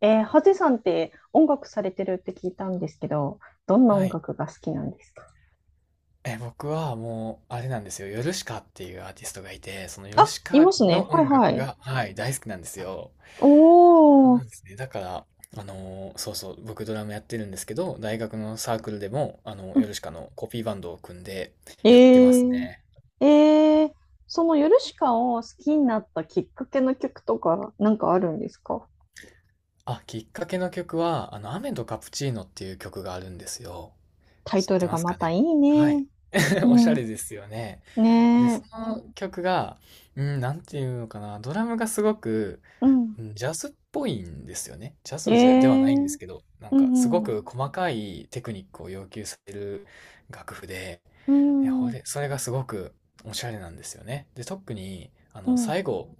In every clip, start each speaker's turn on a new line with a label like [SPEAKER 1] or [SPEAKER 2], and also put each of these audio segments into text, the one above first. [SPEAKER 1] ハゼさんって音楽されてるって聞いたんですけど、どんな
[SPEAKER 2] は
[SPEAKER 1] 音
[SPEAKER 2] い。
[SPEAKER 1] 楽が好きなんですか？
[SPEAKER 2] 僕はもう、あれなんですよ。ヨルシカっていうアーティストがいて、そのヨル
[SPEAKER 1] あ、
[SPEAKER 2] シ
[SPEAKER 1] い
[SPEAKER 2] カ
[SPEAKER 1] ますね。
[SPEAKER 2] の
[SPEAKER 1] はい
[SPEAKER 2] 音
[SPEAKER 1] は
[SPEAKER 2] 楽
[SPEAKER 1] い。
[SPEAKER 2] が、はい、大好きなんですよ。そう
[SPEAKER 1] お
[SPEAKER 2] な
[SPEAKER 1] ー。
[SPEAKER 2] んですね。だから、そうそう、僕ドラムやってるんですけど、大学のサークルでも、
[SPEAKER 1] う
[SPEAKER 2] ヨ
[SPEAKER 1] ん。
[SPEAKER 2] ルシカのコピーバンドを組んで
[SPEAKER 1] え
[SPEAKER 2] やってます
[SPEAKER 1] ー、
[SPEAKER 2] ね。
[SPEAKER 1] えー、そのヨルシカを好きになったきっかけの曲とかなんかあるんですか？
[SPEAKER 2] あ、きっかけの曲は、雨とカプチーノっていう曲があるんですよ。
[SPEAKER 1] タイ
[SPEAKER 2] 知っ
[SPEAKER 1] ト
[SPEAKER 2] て
[SPEAKER 1] ル
[SPEAKER 2] ま
[SPEAKER 1] が
[SPEAKER 2] す
[SPEAKER 1] ま
[SPEAKER 2] か
[SPEAKER 1] たい
[SPEAKER 2] ね？
[SPEAKER 1] い
[SPEAKER 2] はい。
[SPEAKER 1] ね。う
[SPEAKER 2] おしゃ
[SPEAKER 1] ん。
[SPEAKER 2] れですよね。で、
[SPEAKER 1] ね
[SPEAKER 2] そ
[SPEAKER 1] え。
[SPEAKER 2] の曲が、うん、なんていうのかな、ドラムがすごく、
[SPEAKER 1] うん。
[SPEAKER 2] うんジャズっぽいんですよね。ジャ
[SPEAKER 1] え
[SPEAKER 2] ズじゃではないんです
[SPEAKER 1] ー。
[SPEAKER 2] けど、なん
[SPEAKER 1] う
[SPEAKER 2] かすご
[SPEAKER 1] ん、
[SPEAKER 2] く細かいテクニックを要求される楽譜で、
[SPEAKER 1] う
[SPEAKER 2] え
[SPEAKER 1] ん、
[SPEAKER 2] ほ
[SPEAKER 1] うん、
[SPEAKER 2] れ、それがすごくおしゃれなんですよね。で、特に、
[SPEAKER 1] うん。
[SPEAKER 2] 最後、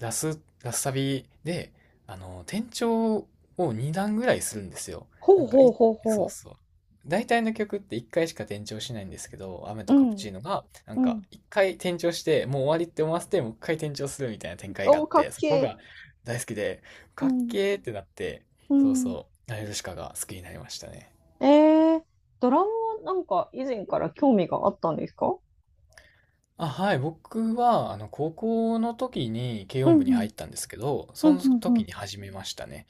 [SPEAKER 2] ラスサビで、転調を2段ぐらいするんですよ。な
[SPEAKER 1] ほう
[SPEAKER 2] んか
[SPEAKER 1] ほう
[SPEAKER 2] い、
[SPEAKER 1] ほう
[SPEAKER 2] そう
[SPEAKER 1] ほ
[SPEAKER 2] そう。大体の曲って1回しか転調しないんですけど、雨
[SPEAKER 1] う。
[SPEAKER 2] と
[SPEAKER 1] う
[SPEAKER 2] カプ
[SPEAKER 1] ん、
[SPEAKER 2] チーノが、なん
[SPEAKER 1] う
[SPEAKER 2] か、
[SPEAKER 1] ん。
[SPEAKER 2] 1回転調して、もう終わりって思わせて、もう1回転調するみたいな展開があ
[SPEAKER 1] おー、
[SPEAKER 2] っ
[SPEAKER 1] か
[SPEAKER 2] て、
[SPEAKER 1] っ
[SPEAKER 2] そ
[SPEAKER 1] け
[SPEAKER 2] こ
[SPEAKER 1] え。
[SPEAKER 2] が大好きで、
[SPEAKER 1] う
[SPEAKER 2] かっ
[SPEAKER 1] ん、
[SPEAKER 2] けーってなって、
[SPEAKER 1] う
[SPEAKER 2] そう
[SPEAKER 1] ん。
[SPEAKER 2] そう、ナヨルシカが好きになりましたね。
[SPEAKER 1] ええー。ドラムはなんか以前から興味があったんですか？
[SPEAKER 2] あ、はい、僕は、高校の時に軽
[SPEAKER 1] うん
[SPEAKER 2] 音部に
[SPEAKER 1] う
[SPEAKER 2] 入
[SPEAKER 1] ん。
[SPEAKER 2] ったんですけど、
[SPEAKER 1] う
[SPEAKER 2] そ
[SPEAKER 1] ん
[SPEAKER 2] の
[SPEAKER 1] う
[SPEAKER 2] 時
[SPEAKER 1] ん
[SPEAKER 2] に始めましたね。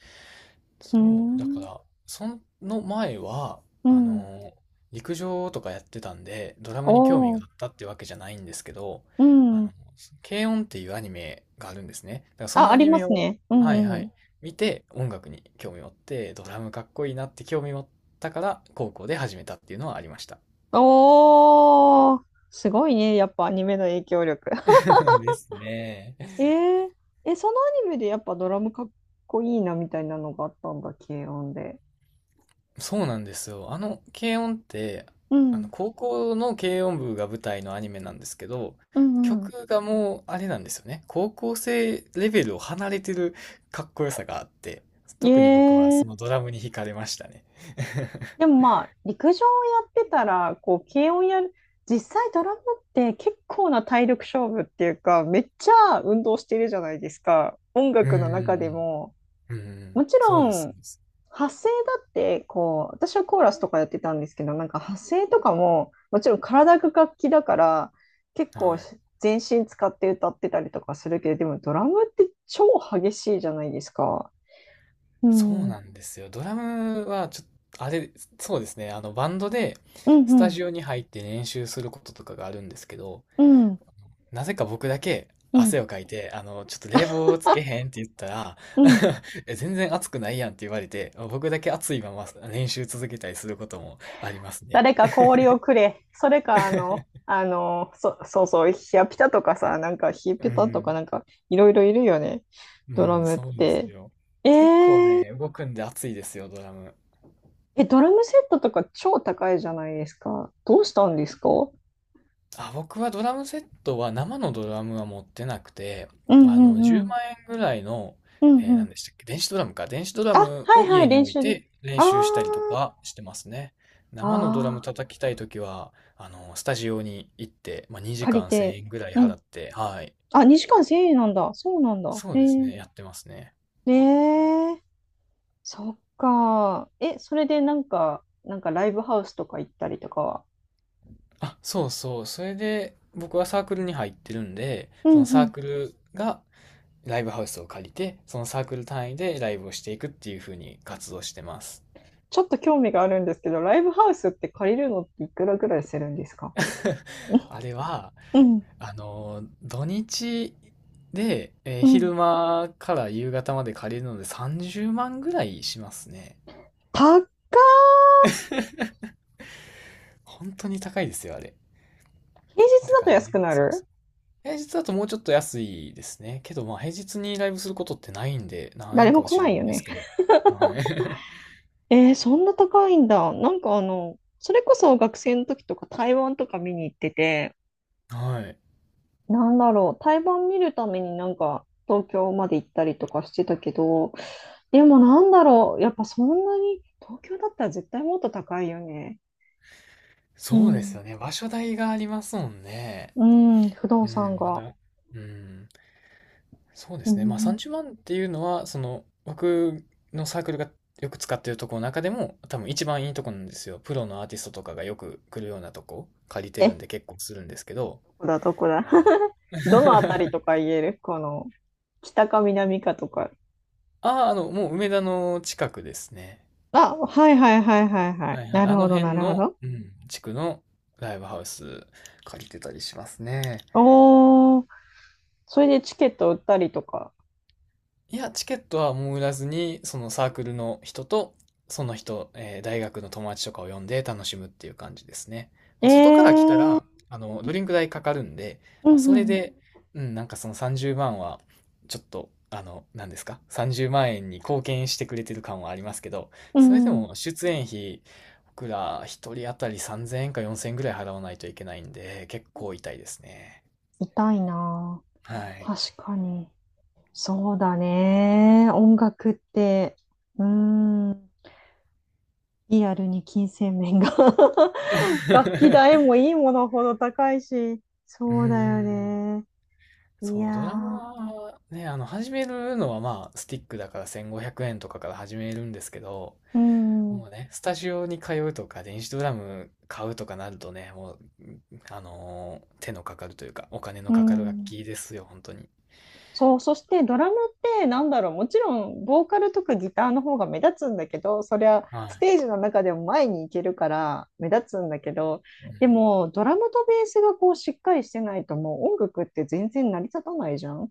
[SPEAKER 1] うん
[SPEAKER 2] そう、だ
[SPEAKER 1] う
[SPEAKER 2] か
[SPEAKER 1] ーん。
[SPEAKER 2] ら、その前は、
[SPEAKER 1] う
[SPEAKER 2] あ
[SPEAKER 1] ん。
[SPEAKER 2] のー陸上とかやってたんで、ドラムに興味
[SPEAKER 1] お
[SPEAKER 2] が
[SPEAKER 1] ー。
[SPEAKER 2] あったってわけじゃないんですけど、
[SPEAKER 1] う
[SPEAKER 2] あの、
[SPEAKER 1] ん。
[SPEAKER 2] 軽音っていうアニメがあるんですね。だからそ
[SPEAKER 1] あ、
[SPEAKER 2] の
[SPEAKER 1] あ
[SPEAKER 2] ア
[SPEAKER 1] り
[SPEAKER 2] ニ
[SPEAKER 1] ま
[SPEAKER 2] メ
[SPEAKER 1] す
[SPEAKER 2] を、
[SPEAKER 1] ね。うん
[SPEAKER 2] はいは
[SPEAKER 1] う
[SPEAKER 2] い、
[SPEAKER 1] ん。
[SPEAKER 2] 見て音楽に興味持って、ドラムかっこいいなって興味持ったから、高校で始めたっていうのはありました。
[SPEAKER 1] おー。すごいね。やっぱアニメの影響力。
[SPEAKER 2] ですね。
[SPEAKER 1] えー、そのアニメでやっぱドラムかっこいいなみたいなのがあったんだ、軽音で。
[SPEAKER 2] そうなんですよ。軽音って、
[SPEAKER 1] うん
[SPEAKER 2] 高校の軽音部が舞台のアニメなんですけど、
[SPEAKER 1] うん。うんう
[SPEAKER 2] 曲がもう、あれなんですよね。高校生レベルを離れてるかっこよさがあって、特に僕
[SPEAKER 1] ん。ええ。
[SPEAKER 2] はそのドラムに惹かれましたね。
[SPEAKER 1] でも まあ、陸上をやってたら、こう、軽音やる、実際ドラムって結構な体力勝負っていうか、めっちゃ運動してるじゃないですか。音
[SPEAKER 2] う
[SPEAKER 1] 楽の中で
[SPEAKER 2] ん、
[SPEAKER 1] も。
[SPEAKER 2] うんうん、うんう
[SPEAKER 1] も
[SPEAKER 2] ん、
[SPEAKER 1] ち
[SPEAKER 2] そ
[SPEAKER 1] ろ
[SPEAKER 2] うです、そ
[SPEAKER 1] ん、
[SPEAKER 2] うです。
[SPEAKER 1] 発声だって、こう、私はコーラスとかやってたんですけど、なんか発声とかも、もちろん体が楽器だから、結
[SPEAKER 2] は
[SPEAKER 1] 構
[SPEAKER 2] い。
[SPEAKER 1] 全身使って歌ってたりとかするけど、でもドラムって超激しいじゃないですか。う
[SPEAKER 2] そう
[SPEAKER 1] ん、うん、
[SPEAKER 2] なんですよ。ドラムはちょっと、あれ、そうですね。バンドで
[SPEAKER 1] う
[SPEAKER 2] スタ
[SPEAKER 1] ん、
[SPEAKER 2] ジオに入って練習することとかがあるんですけど、
[SPEAKER 1] うん、
[SPEAKER 2] なぜか僕だけ
[SPEAKER 1] うん、
[SPEAKER 2] 汗をかいて、ちょっと冷房つけへんって言ったら、
[SPEAKER 1] うん。
[SPEAKER 2] え全然暑くないやんって言われて、僕だけ暑いまま練習続けたりすることもありますね。
[SPEAKER 1] 誰か氷をくれ。それか、そうそう、ヒヤピタとかさ、なんかヒヤ
[SPEAKER 2] う
[SPEAKER 1] ピタとか
[SPEAKER 2] ん、
[SPEAKER 1] なんかいろいろいるよね。
[SPEAKER 2] う
[SPEAKER 1] ドラ
[SPEAKER 2] ん、
[SPEAKER 1] ムっ
[SPEAKER 2] そうです
[SPEAKER 1] て。
[SPEAKER 2] よ。
[SPEAKER 1] え
[SPEAKER 2] 結構
[SPEAKER 1] ー、
[SPEAKER 2] ね、動くんで暑いですよ、ドラム。
[SPEAKER 1] ドラムセットとか超高いじゃないですか。どうしたんですか？う
[SPEAKER 2] あ、僕はドラムセットは生のドラムは持ってなくて、
[SPEAKER 1] んうんう
[SPEAKER 2] 10
[SPEAKER 1] ん。
[SPEAKER 2] 万円ぐらいの、
[SPEAKER 1] うんう
[SPEAKER 2] 何
[SPEAKER 1] ん。
[SPEAKER 2] でしたっけ、電子ドラムか。電子ドラ
[SPEAKER 1] あ、
[SPEAKER 2] ム
[SPEAKER 1] は
[SPEAKER 2] を
[SPEAKER 1] いはい、
[SPEAKER 2] 家に
[SPEAKER 1] 練
[SPEAKER 2] 置い
[SPEAKER 1] 習で。
[SPEAKER 2] て練
[SPEAKER 1] あ
[SPEAKER 2] 習したりと
[SPEAKER 1] ー、
[SPEAKER 2] かしてますね。生のドラム
[SPEAKER 1] あ
[SPEAKER 2] 叩きたいときは、スタジオに行って、まあ、
[SPEAKER 1] ー、
[SPEAKER 2] 2
[SPEAKER 1] 借
[SPEAKER 2] 時
[SPEAKER 1] り
[SPEAKER 2] 間1000
[SPEAKER 1] て。
[SPEAKER 2] 円ぐらい
[SPEAKER 1] う
[SPEAKER 2] 払っ
[SPEAKER 1] ん。
[SPEAKER 2] て、はい。
[SPEAKER 1] あ、2時間1000円なんだ。そうなんだ。
[SPEAKER 2] そ
[SPEAKER 1] へ
[SPEAKER 2] う
[SPEAKER 1] え
[SPEAKER 2] です
[SPEAKER 1] ー、
[SPEAKER 2] ね、やってますね。
[SPEAKER 1] ねえ。そっか。え、それでなんか、なんかライブハウスとか行ったりとかは、
[SPEAKER 2] あ、そうそう。それで、僕はサークルに入ってるんで、
[SPEAKER 1] う
[SPEAKER 2] そ
[SPEAKER 1] ん
[SPEAKER 2] のサ
[SPEAKER 1] う
[SPEAKER 2] ー
[SPEAKER 1] ん。
[SPEAKER 2] クルがライブハウスを借りて、そのサークル単位でライブをしていくっていう風に活動してます。
[SPEAKER 1] ちょっと興味があるんですけど、ライブハウスって借りるのっていくらぐらいするんですか？
[SPEAKER 2] あれは、
[SPEAKER 1] うん
[SPEAKER 2] 土日で、
[SPEAKER 1] うん。
[SPEAKER 2] 昼間から夕方まで借りるので30万ぐらいしますね。
[SPEAKER 1] 高ー。
[SPEAKER 2] 本当に高いですよ、あれ。
[SPEAKER 1] 平日
[SPEAKER 2] だ
[SPEAKER 1] だ
[SPEAKER 2] か
[SPEAKER 1] と
[SPEAKER 2] ら
[SPEAKER 1] 安く
[SPEAKER 2] ね、
[SPEAKER 1] な
[SPEAKER 2] そうそ
[SPEAKER 1] る？
[SPEAKER 2] う平日だともうちょっと安いですね。けど、まあ、平日にライブすることってないんで、何
[SPEAKER 1] 誰
[SPEAKER 2] 円か
[SPEAKER 1] も
[SPEAKER 2] は
[SPEAKER 1] 来
[SPEAKER 2] 知ら
[SPEAKER 1] な
[SPEAKER 2] な
[SPEAKER 1] い
[SPEAKER 2] い
[SPEAKER 1] よ
[SPEAKER 2] んです
[SPEAKER 1] ね。
[SPEAKER 2] けど。はい。
[SPEAKER 1] えー、そんな高いんだ。なんかあの、それこそ学生の時とか台湾とか見に行ってて、
[SPEAKER 2] はい。
[SPEAKER 1] なんだろう、対バン見るためになんか東京まで行ったりとかしてたけど、でもなんだろう、やっぱそんなに、東京だったら絶対もっと高いよね。う
[SPEAKER 2] そうです
[SPEAKER 1] ん。
[SPEAKER 2] よね。場所代がありますもんね。
[SPEAKER 1] うん、不動
[SPEAKER 2] う
[SPEAKER 1] 産
[SPEAKER 2] ん、ま
[SPEAKER 1] が。
[SPEAKER 2] だ。うん。そうで
[SPEAKER 1] う
[SPEAKER 2] すね。まあ
[SPEAKER 1] ん。
[SPEAKER 2] 30万っていうのは、その僕のサークルがよく使ってるとこの中でも多分一番いいとこなんですよ。プロのアーティストとかがよく来るようなとこ借りて
[SPEAKER 1] え、
[SPEAKER 2] るん
[SPEAKER 1] ど
[SPEAKER 2] で結構するんですけど。
[SPEAKER 1] こだ、どこだ。どのあたりと か言えるこの、北か南かとか。
[SPEAKER 2] ああ、もう梅田の近くですね。
[SPEAKER 1] あ、はいはいはいはいは
[SPEAKER 2] は
[SPEAKER 1] い。
[SPEAKER 2] いは
[SPEAKER 1] な
[SPEAKER 2] い。
[SPEAKER 1] る
[SPEAKER 2] あ
[SPEAKER 1] ほ
[SPEAKER 2] の
[SPEAKER 1] ど、な
[SPEAKER 2] 辺
[SPEAKER 1] るほ
[SPEAKER 2] の、
[SPEAKER 1] ど。
[SPEAKER 2] うん、地区のライブハウス借りてたりしますね。
[SPEAKER 1] おー、それでチケット売ったりとか。
[SPEAKER 2] いや、チケットはもう売らずに、そのサークルの人と、その人、大学の友達とかを呼んで楽しむっていう感じですね。
[SPEAKER 1] え
[SPEAKER 2] まあ、外から来た
[SPEAKER 1] ー、
[SPEAKER 2] ら、ドリンク代かかるんで、
[SPEAKER 1] う
[SPEAKER 2] まあ、
[SPEAKER 1] ん
[SPEAKER 2] そ
[SPEAKER 1] う
[SPEAKER 2] れ
[SPEAKER 1] ん
[SPEAKER 2] で、うん、なんかその30万は、ちょっと、何ですか？ 30 万円に貢献してくれてる感はありますけど、
[SPEAKER 1] う
[SPEAKER 2] それで
[SPEAKER 1] ん、うん、
[SPEAKER 2] も出演費、僕ら一人当たり3000円か4000円ぐらい払わないといけないんで、結構痛いですね。
[SPEAKER 1] 痛いな
[SPEAKER 2] は
[SPEAKER 1] ぁ。
[SPEAKER 2] い。
[SPEAKER 1] 確かに。そうだね。音楽って、うーん、リアルに金銭面が 楽器代 もいいものほど高いし、
[SPEAKER 2] うー
[SPEAKER 1] そうだよ
[SPEAKER 2] ん。
[SPEAKER 1] ね。いや
[SPEAKER 2] そう、ドラム
[SPEAKER 1] ー、
[SPEAKER 2] はね、始めるのはまあ、スティックだから1500円とかから始めるんですけど、
[SPEAKER 1] う
[SPEAKER 2] も
[SPEAKER 1] ん、
[SPEAKER 2] うね、スタジオに通うとか、電子ドラム買うとかなるとね、もう、手のかかるというか、お金の
[SPEAKER 1] う
[SPEAKER 2] かかる楽
[SPEAKER 1] ん。
[SPEAKER 2] 器ですよ、本当に。
[SPEAKER 1] そう、そしてドラムって、なんだろう、もちろんボーカルとかギターの方が目立つんだけど、そりゃ
[SPEAKER 2] は
[SPEAKER 1] ス
[SPEAKER 2] い。
[SPEAKER 1] テージの中でも前に行けるから目立つんだけど、
[SPEAKER 2] うん、
[SPEAKER 1] でもドラムとベースがこうしっかりしてないともう音楽って全然成り立たないじゃん。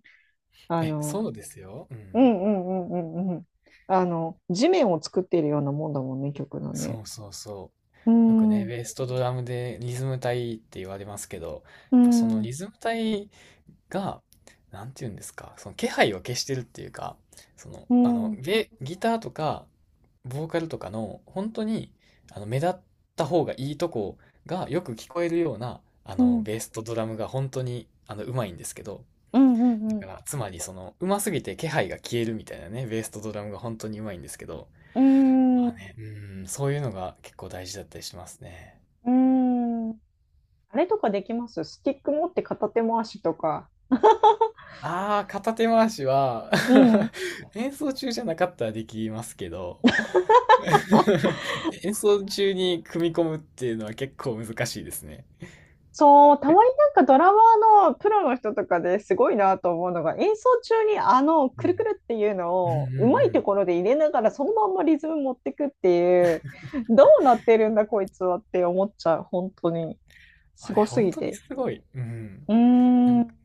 [SPEAKER 1] あの、
[SPEAKER 2] そうですよ。う
[SPEAKER 1] う
[SPEAKER 2] ん。
[SPEAKER 1] んうんうんうんうん。あの、地面を作っているようなもんだもんね、曲の
[SPEAKER 2] そ
[SPEAKER 1] ね。
[SPEAKER 2] うそうそ
[SPEAKER 1] う
[SPEAKER 2] う。よく
[SPEAKER 1] ん、う
[SPEAKER 2] ね、
[SPEAKER 1] ん、
[SPEAKER 2] ベースとドラムでリズム隊って言われますけど、
[SPEAKER 1] う
[SPEAKER 2] やっぱその
[SPEAKER 1] ん、
[SPEAKER 2] リズム隊が、なんて言うんですか、その気配を消してるっていうか、その、
[SPEAKER 1] うん、
[SPEAKER 2] ギターとか、ボーカルとかの、本当に、目立った方がいいとこがよく聞こえるような、
[SPEAKER 1] うん、うん、
[SPEAKER 2] ベースとドラムが本当に、うまいんですけど、
[SPEAKER 1] うん、
[SPEAKER 2] だから、つまり、その、うますぎて気配が消えるみたいなね、ベースとドラムが本当にうまいんですけど、
[SPEAKER 1] う
[SPEAKER 2] ま
[SPEAKER 1] ん、
[SPEAKER 2] あね、うん、そういうのが結構大事だったりしますね。
[SPEAKER 1] うん。あれとかできます？スティック持って片手回しとか。
[SPEAKER 2] ああ、片手回しは
[SPEAKER 1] うん。
[SPEAKER 2] 演奏中じゃなかったらできますけど、演奏中に組み込むっていうのは結構難しいですね。
[SPEAKER 1] そう、たまになんかドラマーのプロの人とかですごいなと思うのが、演奏中にあの
[SPEAKER 2] う
[SPEAKER 1] く
[SPEAKER 2] ん。
[SPEAKER 1] るくるっていうの
[SPEAKER 2] うんうんう
[SPEAKER 1] をうまいと
[SPEAKER 2] ん。
[SPEAKER 1] ころで入れながらそのまんまリズム持ってくっていう、どうなってるんだこいつはって思っちゃう、本当に。
[SPEAKER 2] あ
[SPEAKER 1] す
[SPEAKER 2] れ、
[SPEAKER 1] ごす
[SPEAKER 2] 本
[SPEAKER 1] ぎ
[SPEAKER 2] 当に
[SPEAKER 1] て。
[SPEAKER 2] すごい。うん。
[SPEAKER 1] うー
[SPEAKER 2] なんか、
[SPEAKER 1] ん。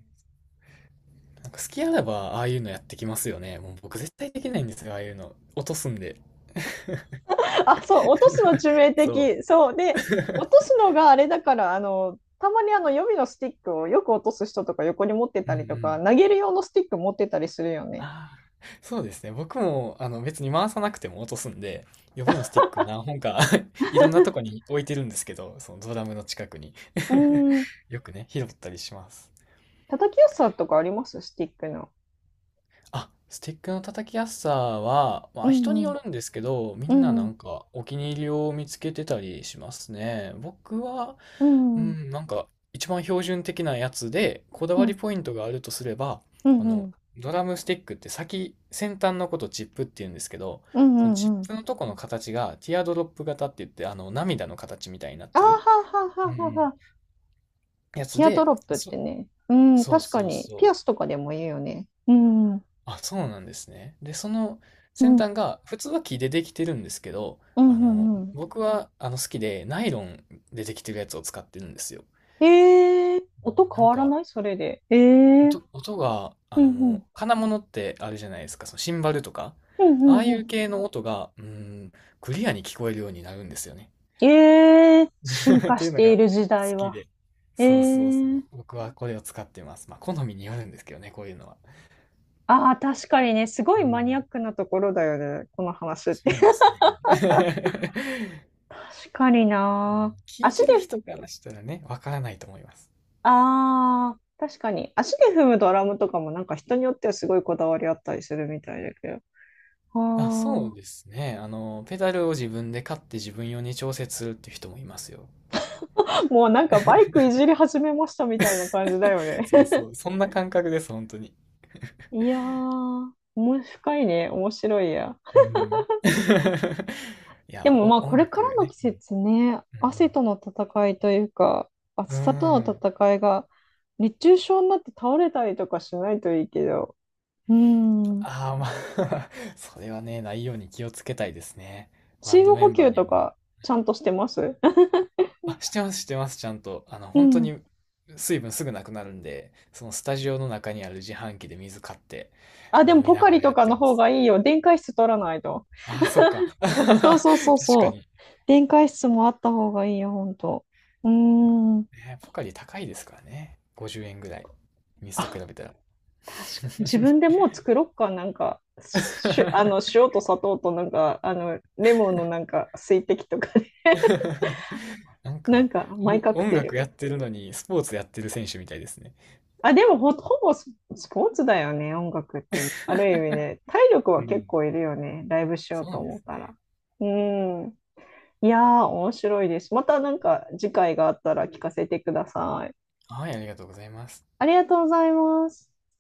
[SPEAKER 2] なんか好きあらば、ああいうのやってきますよね。もう僕絶対できないんですよ、ああいうの。落とすんで。
[SPEAKER 1] あ、そう、落とすの致命
[SPEAKER 2] そう。
[SPEAKER 1] 的。そう。で、落とすのがあれだから、あの、たまにあの予備のスティックをよく落とす人とか横に持って
[SPEAKER 2] うん
[SPEAKER 1] た
[SPEAKER 2] う
[SPEAKER 1] りとか、
[SPEAKER 2] ん。
[SPEAKER 1] 投げる用のスティック持ってたりするよね。
[SPEAKER 2] ああ、そうですね。僕も、別に回さなくても落とすんで、予備のスティック何本か いろんなとこに置いてるんですけど、そのドラムの近くに
[SPEAKER 1] うーん。
[SPEAKER 2] よくね、拾ったりします。
[SPEAKER 1] 叩きやすさとかあります？スティックの。
[SPEAKER 2] あ、スティックの叩きやすさは、ま
[SPEAKER 1] う
[SPEAKER 2] あ人に
[SPEAKER 1] んう
[SPEAKER 2] よ
[SPEAKER 1] ん。
[SPEAKER 2] るんですけど、み
[SPEAKER 1] う
[SPEAKER 2] んな
[SPEAKER 1] ん
[SPEAKER 2] な
[SPEAKER 1] うん。
[SPEAKER 2] んかお気に入りを見つけてたりしますね。僕は、
[SPEAKER 1] う
[SPEAKER 2] う
[SPEAKER 1] んうん。
[SPEAKER 2] ん、なんか一番標準的なやつで、こだ
[SPEAKER 1] う
[SPEAKER 2] わり
[SPEAKER 1] ん
[SPEAKER 2] ポイントがあるとすれば、
[SPEAKER 1] う
[SPEAKER 2] あの、
[SPEAKER 1] ん。
[SPEAKER 2] ドラムスティックって先端のことチップって言うんですけど、
[SPEAKER 1] うん
[SPEAKER 2] その
[SPEAKER 1] う
[SPEAKER 2] チッ
[SPEAKER 1] んうん。
[SPEAKER 2] プのとこの形がティアドロップ型って言って、涙の形みたいになっ
[SPEAKER 1] あー
[SPEAKER 2] てる、
[SPEAKER 1] はーはー
[SPEAKER 2] うん
[SPEAKER 1] はーはーは
[SPEAKER 2] う
[SPEAKER 1] ー。
[SPEAKER 2] ん、やつ
[SPEAKER 1] ティアド
[SPEAKER 2] で、
[SPEAKER 1] ロップっ
[SPEAKER 2] そ、
[SPEAKER 1] てね。うん、
[SPEAKER 2] そう
[SPEAKER 1] 確か
[SPEAKER 2] そう
[SPEAKER 1] に。ピ
[SPEAKER 2] そ
[SPEAKER 1] アス
[SPEAKER 2] う。
[SPEAKER 1] とかでも言うよね。うん。うん。
[SPEAKER 2] あ、そうなんですね。で、その
[SPEAKER 1] う
[SPEAKER 2] 先端
[SPEAKER 1] ん
[SPEAKER 2] が、普通は木でできてるんですけど、
[SPEAKER 1] うんう
[SPEAKER 2] 僕は好きで、ナイロンでできてるやつを使ってるんですよ。
[SPEAKER 1] ん。えー、音
[SPEAKER 2] な
[SPEAKER 1] 変
[SPEAKER 2] ん
[SPEAKER 1] わら
[SPEAKER 2] か、
[SPEAKER 1] ない？それで。えー、
[SPEAKER 2] 音が、
[SPEAKER 1] うんうん。
[SPEAKER 2] 金物ってあるじゃないですか、そのシンバルとか、
[SPEAKER 1] うんう
[SPEAKER 2] ああ
[SPEAKER 1] ん
[SPEAKER 2] い
[SPEAKER 1] う
[SPEAKER 2] う
[SPEAKER 1] ん。
[SPEAKER 2] 系の音が、うん、クリアに聞こえるようになるんですよね。
[SPEAKER 1] ええ進
[SPEAKER 2] っ
[SPEAKER 1] 化
[SPEAKER 2] てい
[SPEAKER 1] し
[SPEAKER 2] うの
[SPEAKER 1] て
[SPEAKER 2] が
[SPEAKER 1] い
[SPEAKER 2] 好
[SPEAKER 1] る時代
[SPEAKER 2] き
[SPEAKER 1] は。
[SPEAKER 2] で。
[SPEAKER 1] え
[SPEAKER 2] そうそうそう。
[SPEAKER 1] え。
[SPEAKER 2] 僕はこれを使ってます。まあ、好みによるんですけどね、こういうのは。
[SPEAKER 1] ああ、確かにね、すご
[SPEAKER 2] う
[SPEAKER 1] いマニアッ
[SPEAKER 2] ん、
[SPEAKER 1] クなところだよね、この話って。
[SPEAKER 2] そうですね。
[SPEAKER 1] 確かにな。
[SPEAKER 2] 聞い
[SPEAKER 1] 足
[SPEAKER 2] てる
[SPEAKER 1] で、
[SPEAKER 2] 人からしたらね、わからないと思います。
[SPEAKER 1] ああ、確かに。足で踏むドラムとかもなんか人によってはすごいこだわりあったりするみたいだけど。
[SPEAKER 2] あ、そう
[SPEAKER 1] あ
[SPEAKER 2] ですね。ペダルを自分で買って自分用に調節するっていう人もいますよ。
[SPEAKER 1] あ、もうなんかバイクいじり始めましたみたいな感じだよね。
[SPEAKER 2] そうそう。そんな感覚です、本当に。
[SPEAKER 1] いやー、面白いね、面白いや。
[SPEAKER 2] うん。い
[SPEAKER 1] で
[SPEAKER 2] や、
[SPEAKER 1] もまあこ
[SPEAKER 2] 音
[SPEAKER 1] れか
[SPEAKER 2] 楽
[SPEAKER 1] らの
[SPEAKER 2] ね。
[SPEAKER 1] 季節ね、汗との戦いというか、暑
[SPEAKER 2] うん。
[SPEAKER 1] さ
[SPEAKER 2] う
[SPEAKER 1] と
[SPEAKER 2] ん。う
[SPEAKER 1] の
[SPEAKER 2] ん
[SPEAKER 1] 戦いが熱中症になって倒れたりとかしないといいけど、うん、
[SPEAKER 2] ああー、まあ それはね、ないように気をつけたいですね。バ
[SPEAKER 1] 水
[SPEAKER 2] ンド
[SPEAKER 1] 分
[SPEAKER 2] メ
[SPEAKER 1] 補
[SPEAKER 2] ンバー
[SPEAKER 1] 給
[SPEAKER 2] に
[SPEAKER 1] と
[SPEAKER 2] も。
[SPEAKER 1] かちゃんとしてます？
[SPEAKER 2] あ、してます、してます、ちゃんと。
[SPEAKER 1] う
[SPEAKER 2] 本当
[SPEAKER 1] ん。
[SPEAKER 2] に水分すぐなくなるんで、そのスタジオの中にある自販機で水買って
[SPEAKER 1] あ、でも
[SPEAKER 2] 飲み
[SPEAKER 1] ポ
[SPEAKER 2] な
[SPEAKER 1] カ
[SPEAKER 2] が
[SPEAKER 1] リ
[SPEAKER 2] ら
[SPEAKER 1] と
[SPEAKER 2] やっ
[SPEAKER 1] か
[SPEAKER 2] て
[SPEAKER 1] の
[SPEAKER 2] ま
[SPEAKER 1] 方
[SPEAKER 2] す。
[SPEAKER 1] がいいよ。電解質取らないと。
[SPEAKER 2] あ、そっか。確
[SPEAKER 1] そうそうそうそ
[SPEAKER 2] か
[SPEAKER 1] う。
[SPEAKER 2] に。
[SPEAKER 1] 電解質もあった方がいいよ、ほんと。うーん。
[SPEAKER 2] ね、ポカリ高いですからね。50円ぐらい。水と比
[SPEAKER 1] あ、
[SPEAKER 2] べたら。
[SPEAKER 1] 確かに。自分でもう作ろっか、なんか、し、あの、塩と砂糖となんか、あの、レモンのなんか、水滴とかで
[SPEAKER 2] なん
[SPEAKER 1] な
[SPEAKER 2] か、
[SPEAKER 1] んか、マイカク
[SPEAKER 2] 音
[SPEAKER 1] テ
[SPEAKER 2] 楽
[SPEAKER 1] ル。
[SPEAKER 2] やってるのにスポーツやってる選手みたいですね。
[SPEAKER 1] あ、でも、ほぼスポーツだよね、音楽ってね。ある意味ね、体力
[SPEAKER 2] う
[SPEAKER 1] は結
[SPEAKER 2] ん。
[SPEAKER 1] 構いるよね、ライブしよう
[SPEAKER 2] そ
[SPEAKER 1] と
[SPEAKER 2] うで
[SPEAKER 1] 思っ
[SPEAKER 2] す
[SPEAKER 1] たら。
[SPEAKER 2] ね。
[SPEAKER 1] うん。いやー、面白いです。またなんか、次回があったら聞かせてください。
[SPEAKER 2] はい、ありがとうございます。
[SPEAKER 1] ありがとうございます。